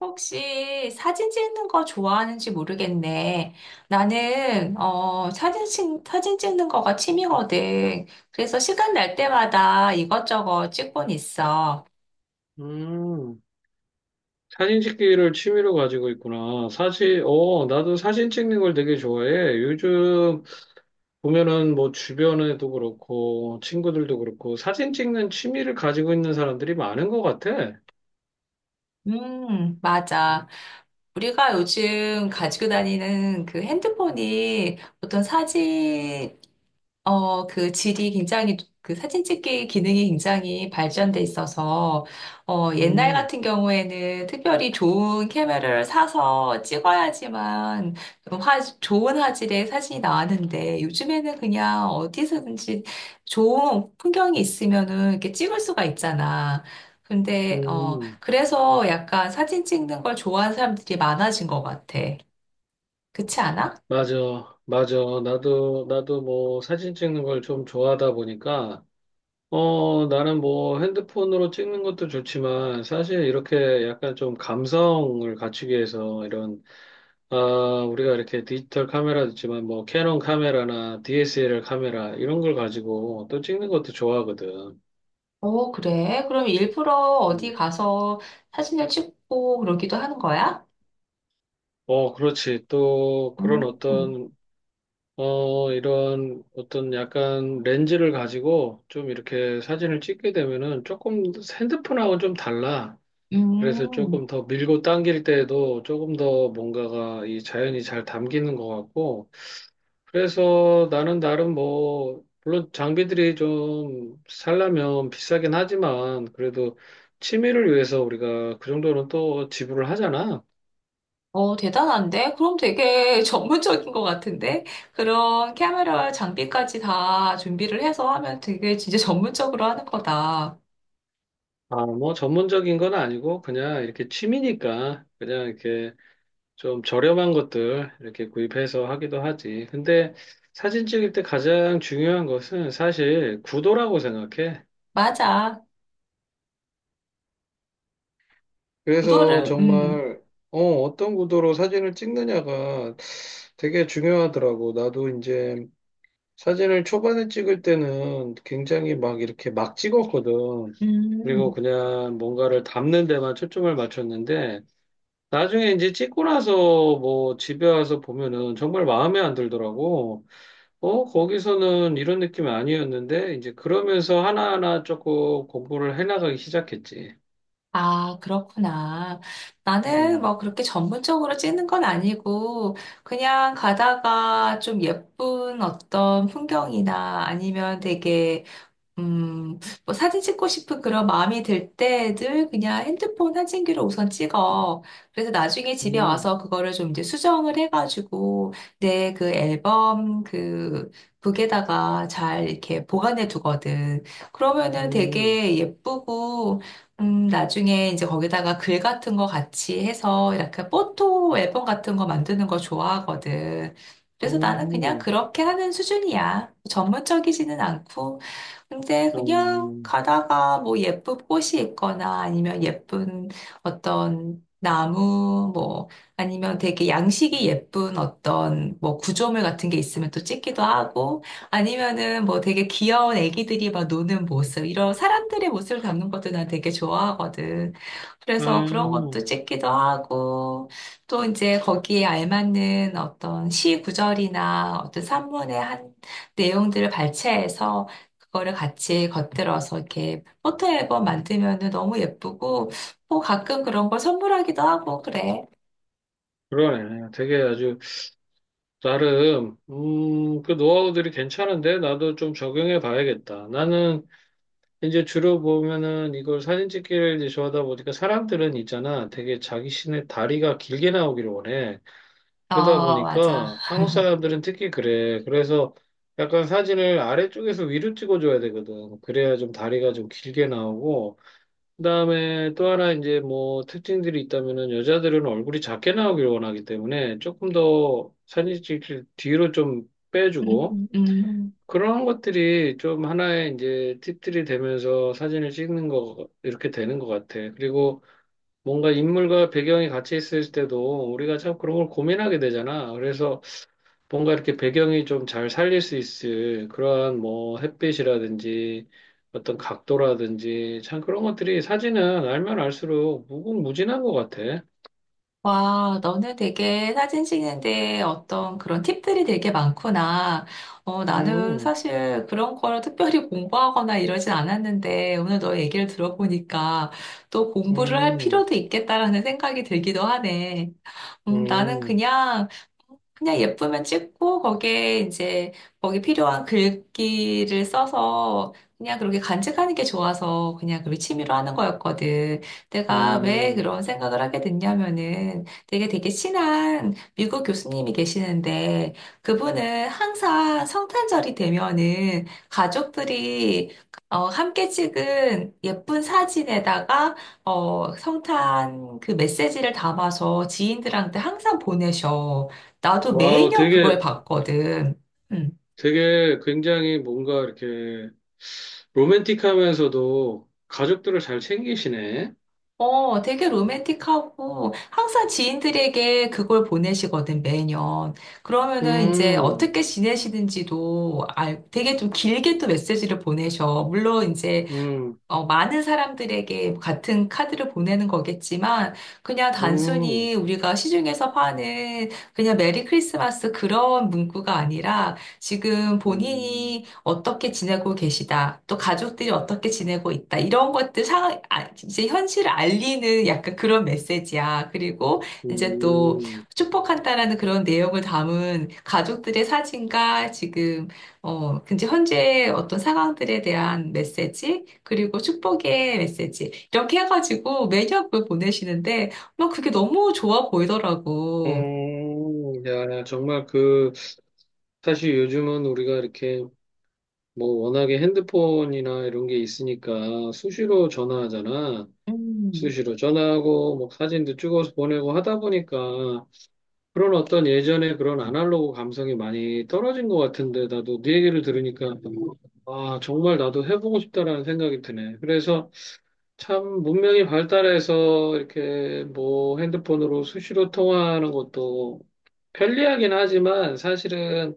혹시 사진 찍는 거 좋아하는지 모르겠네. 나는 사진, 사진 찍는 거가 취미거든. 그래서 시간 날 때마다 이것저것 찍곤 있어. 음, 사진 찍기를 취미로 가지고 있구나. 사실, 나도 사진 찍는 걸 되게 좋아해. 요즘 보면은 뭐 주변에도 그렇고, 친구들도 그렇고, 사진 찍는 취미를 가지고 있는 사람들이 많은 것 같아. 맞아. 우리가 요즘 가지고 다니는 그 핸드폰이 어떤 사진, 그 질이 굉장히, 그 사진 찍기 기능이 굉장히 발전돼 있어서, 옛날 음. 같은 경우에는 특별히 좋은 카메라를 사서 찍어야지만 좋은 화질의 사진이 나왔는데, 요즘에는 그냥 어디서든지 좋은 풍경이 있으면은 이렇게 찍을 수가 있잖아. 근데, 음. 그래서 약간 사진 찍는 걸 좋아하는 사람들이 많아진 것 같아. 그렇지 않아? 맞아, 맞아. 나도 뭐 사진 찍는 걸 좀 좋아하다 보니까, 나는 뭐 핸드폰으로 찍는 것도 좋지만, 사실 이렇게 약간 좀 감성을 갖추기 위해서 아, 우리가 이렇게 디지털 카메라도 있지만 뭐 캐논 카메라나 DSLR 카메라 이런 걸 가지고 또 찍는 것도 좋아하거든. 어, 그래? 그럼 일부러 어디 음. 가서 사진을 찍고 그러기도 하는 거야? 그렇지. 또 그런 음, 어떤 어 이런 어떤 약간 렌즈를 가지고 좀 이렇게 사진을 찍게 되면은 조금 핸드폰하고 좀 달라. 그래서 음. 조금 더 밀고 당길 때에도 조금 더 뭔가가 이 자연이 잘 담기는 것 같고 그래서 나는 나름 뭐, 물론 장비들이 좀 살려면 비싸긴 하지만, 그래도 취미를 위해서 우리가 그 정도는 또 지불을 하잖아. 어, 대단한데? 그럼 되게 전문적인 것 같은데? 그런 카메라 장비까지 다 준비를 해서 하면 되게 진짜 전문적으로 하는 거다. 아, 뭐 전문적인 건 아니고, 그냥 이렇게 취미니까, 그냥 이렇게 좀 저렴한 것들 이렇게 구입해서 하기도 하지. 근데 사진 찍을 때 가장 중요한 것은 사실 구도라고 생각해. 맞아. 그래서 구도를, 정말 어떤 구도로 사진을 찍느냐가 되게 중요하더라고. 나도 이제 사진을 초반에 찍을 때는 굉장히 막 이렇게 막 찍었거든. 그리고 음. 그냥 뭔가를 담는 데만 초점을 맞췄는데 나중에 이제 찍고 나서 뭐 집에 와서 보면은 정말 마음에 안 들더라고. 거기서는 이런 느낌이 아니었는데 이제 그러면서 하나하나 조금 공부를 해나가기 시작했지. 아, 그렇구나. 나는 음. 뭐 그렇게 전문적으로 찍는 건 아니고, 그냥 가다가 좀 예쁜 어떤 풍경이나 아니면 되게 음, 뭐 사진 찍고 싶은 그런 마음이 들 때 늘 그냥 핸드폰 사진기로 우선 찍어. 그래서 나중에 집에 음. 와서 그거를 좀 이제 수정을 해가지고 내 그 앨범 그 북에다가 잘 이렇게 보관해 두거든. 그러면은 음. 되게 예쁘고, 나중에 이제 거기다가 글 같은 거 같이 해서 이렇게 포토 앨범 같은 거 만드는 거 좋아하거든. 그래서 나는 그냥 음. 그렇게 하는 수준이야. 전문적이지는 않고. 근데 그냥 음. 가다가 뭐 예쁜 꽃이 있거나 아니면 예쁜 어떤 나무 뭐 아니면 되게 양식이 예쁜 어떤 뭐 구조물 같은 게 있으면 또 찍기도 하고 아니면은 뭐 되게 귀여운 애기들이 막 노는 모습 이런 사람들의 모습을 담는 것도 난 되게 좋아하거든. 그래서 그런 것도 음. 찍기도 하고 또 이제 거기에 알맞는 어떤 시 구절이나 어떤 산문의 한 내용들을 발췌해서 그거를 같이 겉들어서 이렇게 포토 앨범 만들면은 너무 예쁘고, 뭐 가끔 그런 걸 선물하기도 하고, 그래. 그러네. 되게 아주, 나름, 그 노하우들이 괜찮은데, 나도 좀 적용해 봐야겠다. 나는 이제 주로 보면은 이걸 사진 찍기를 이제 좋아하다 보니까 사람들은 있잖아. 되게 자기 신의 다리가 길게 나오기를 원해. 그러다 어, 맞아. 보니까 한국 사람들은 특히 그래. 그래서 약간 사진을 아래쪽에서 위로 찍어줘야 되거든. 그래야 좀 다리가 좀 길게 나오고, 그다음에 또 하나 이제 뭐 특징들이 있다면은 여자들은 얼굴이 작게 나오길 원하기 때문에 조금 더 사진 찍힐 뒤로 좀 빼주고 음, 음. 그런 것들이 좀 하나의 이제 팁들이 되면서 사진을 찍는 거 이렇게 되는 것 같아. 그리고 뭔가 인물과 배경이 같이 있을 때도 우리가 참 그런 걸 고민하게 되잖아. 그래서 뭔가 이렇게 배경이 좀 잘 살릴 수 있을 그러한 뭐 햇빛이라든지 어떤 각도라든지 참 그런 것들이 사진은 알면 알수록 무궁무진한 것 같아. 와, 너는 되게 사진 찍는데 어떤 그런 팁들이 되게 많구나. 나는 음. 사실 그런 거를 특별히 공부하거나 이러진 않았는데, 오늘 너 얘기를 들어보니까 또 공부를 할 음. 필요도 있겠다라는 생각이 들기도 하네. 나는 음. 그냥 예쁘면 찍고 거기에 이제 거기 필요한 글귀를 써서 그냥 그렇게 간직하는 게 좋아서 그냥 그렇게 취미로 하는 거였거든. 내가 왜 음. 그런 생각을 하게 됐냐면은 되게 친한 미국 교수님이 계시는데 그분은 항상 성탄절이 되면은 가족들이 함께 찍은 예쁜 사진에다가 성탄 그 메시지를 담아서 지인들한테 항상 보내셔. 나도 와우, 매년 그걸 되게, 봤거든. 음. 되게 굉장히 뭔가 이렇게 로맨틱하면서도 가족들을 잘 챙기시네. 어, 되게 로맨틱하고 항상 지인들에게 그걸 보내시거든, 매년. 그러면은 이제 음. 어떻게 되게 좀 길게 또 메시지를 보내셔. 물론 이제 음. 많은 사람들에게 같은 카드를 보내는 거겠지만, 그냥 음. 단순히 우리가 시중에서 파는 그냥 메리 크리스마스 그런 문구가 아니라, 지금 음. 본인이 어떻게 지내고 계시다, 또 가족들이 어떻게 지내고 있다, 이런 것들 상, 아, 이제 현실을 알리는 약간 그런 메시지야. 그리고 이제 또 음. 축복한다라는 그런 내용을 담은 가족들의 사진과 지금 어, 근데 현재 어떤 상황들에 대한 메시지, 그리고 축복의 메시지, 이렇게 해가지고 매년 그걸 보내시는데, 막 그게 너무 좋아 보이더라고. 음. 야, 정말 사실 요즘은 우리가 이렇게 뭐 워낙에 핸드폰이나 이런 게 있으니까 수시로 전화하잖아. 음. 수시로 전화하고 뭐 사진도 찍어서 보내고 하다 보니까 그런 어떤 예전에 그런 아날로그 감성이 많이 떨어진 것 같은데 나도 네 얘기를 들으니까 아, 정말 나도 해보고 싶다라는 생각이 드네. 그래서 참 문명이 발달해서 이렇게 뭐 핸드폰으로 수시로 통화하는 것도 편리하긴 하지만 사실은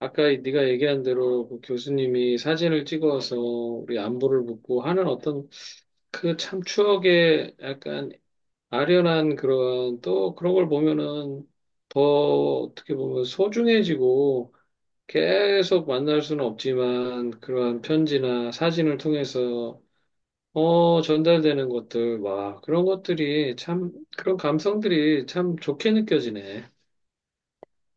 아까 네가 얘기한 대로 그 교수님이 사진을 찍어서 우리 안부를 묻고 하는 어떤 그 참 추억의 약간 아련한 그런 또 그런 걸 보면은 더 어떻게 보면 소중해지고 계속 만날 수는 없지만 그러한 편지나 사진을 통해서 전달되는 것들, 와, 그런 것들이 참, 그런 감성들이 참 좋게 느껴지네.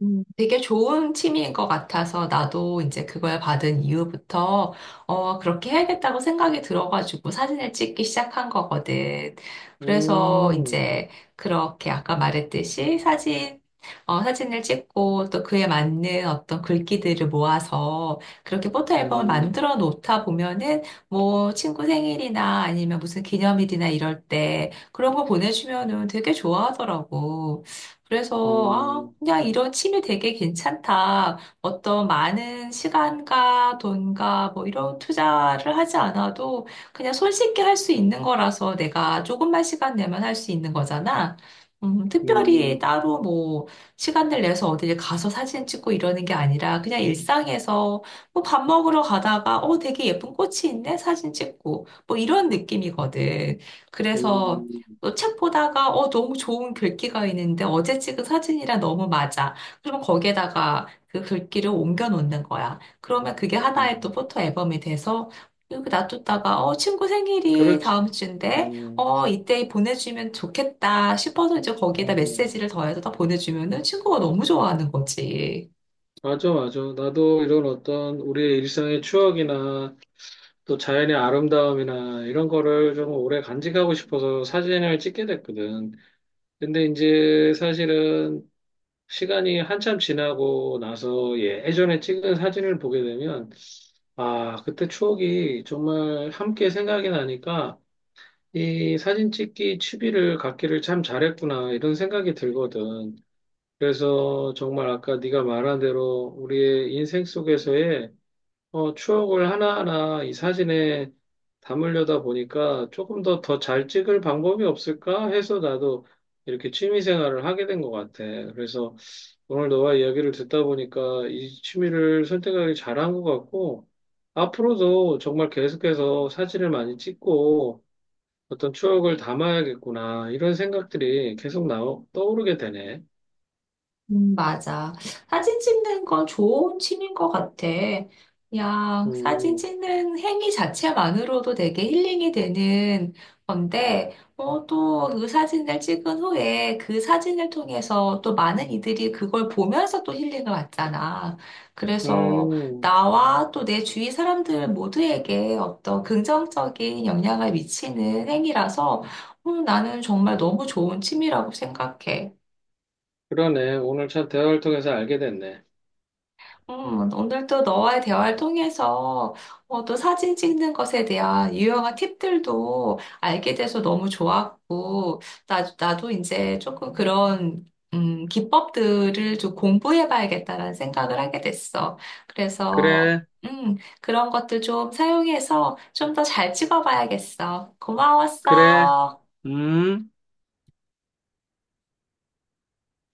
되게 좋은 취미인 것 같아서 나도 이제 그걸 받은 이후부터 그렇게 해야겠다고 생각이 들어가지고 사진을 찍기 시작한 거거든. 그래서 음. 이제 그렇게 아까 말했듯이 사진을 찍고 또 그에 맞는 어떤 글귀들을 모아서 그렇게 포토 앨범을 음. 만들어 놓다 보면은 뭐 친구 생일이나 아니면 무슨 기념일이나 이럴 때 그런 거 보내주면은 되게 좋아하더라고. 그래서, 아, 음. 그냥 이런 취미 되게 괜찮다. 어떤 많은 시간과 돈과 뭐 이런 투자를 하지 않아도 그냥 손쉽게 할 수 있는 거라서 내가 조금만 시간 내면 할 수 있는 거잖아. 특별히 음. 따로 뭐 시간을 내서 어딜 가서 사진 찍고 이러는 게 아니라 그냥 일상에서 뭐 밥 먹으러 가다가 어, 되게 예쁜 꽃이 있네? 사진 찍고 뭐 이런 느낌이거든. 그래서 음. 또 책 보다가 어 너무 좋은 글귀가 있는데 어제 찍은 사진이랑 너무 맞아. 그러면 거기에다가 그 글귀를 옮겨 놓는 거야. 그러면 그게 하나의 또 음. 포토 앨범이 돼서 여기 놔뒀다가 어 친구 생일이 그렇지. 다음 주인데 음. 어 이때 보내주면 좋겠다 싶어서 이제 거기에다 음. 메시지를 더해서 다 보내주면은 친구가 너무 좋아하는 거지. 맞아, 맞아. 나도 이런 어떤 우리의 일상의 추억이나 또 자연의 아름다움이나 이런 거를 좀 오래 간직하고 싶어서 사진을 찍게 됐거든. 근데 이제 사실은 시간이 한참 지나고 나서 예전에 찍은 사진을 보게 되면 아, 그때 추억이 정말 함께 생각이 나니까 이 사진 찍기 취미를 갖기를 참 잘했구나 이런 생각이 들거든. 그래서 정말 아까 네가 말한 대로 우리의 인생 속에서의 추억을 하나하나 이 사진에 담으려다 보니까 조금 더 잘 찍을 방법이 없을까 해서 나도 이렇게 취미 생활을 하게 된 것 같아. 그래서 오늘 너와 이야기를 듣다 보니까 이 취미를 선택하기 잘한 것 같고, 앞으로도 정말 계속해서 사진을 많이 찍고 어떤 추억을 담아야겠구나, 이런 생각들이 계속 떠오르게 되네. 맞아. 사진 찍는 건 좋은 취미인 것 같아. 그냥 사진 음. 찍는 행위 자체만으로도 되게 힐링이 되는 건데, 어, 또 그 사진을 찍은 후에 그 사진을 통해서 또 많은 이들이 그걸 보면서 또 힐링을 받잖아. 그래서 음. 나와 또 내 주위 사람들 모두에게 어떤 긍정적인 영향을 미치는 행위라서, 나는 정말 너무 좋은 취미라고 생각해. 그러네. 오늘 참 대화를 통해서 알게 됐네. 오늘도 너와의 대화를 통해서 또 사진 찍는 것에 대한 유용한 팁들도 알게 돼서 너무 좋았고, 나도 이제 조금 그런 기법들을 좀 공부해봐야겠다라는 생각을 하게 됐어. 그래서 그래, 그런 것도 좀 사용해서 좀 더 잘 찍어봐야겠어. 그래, 고마웠어. 음.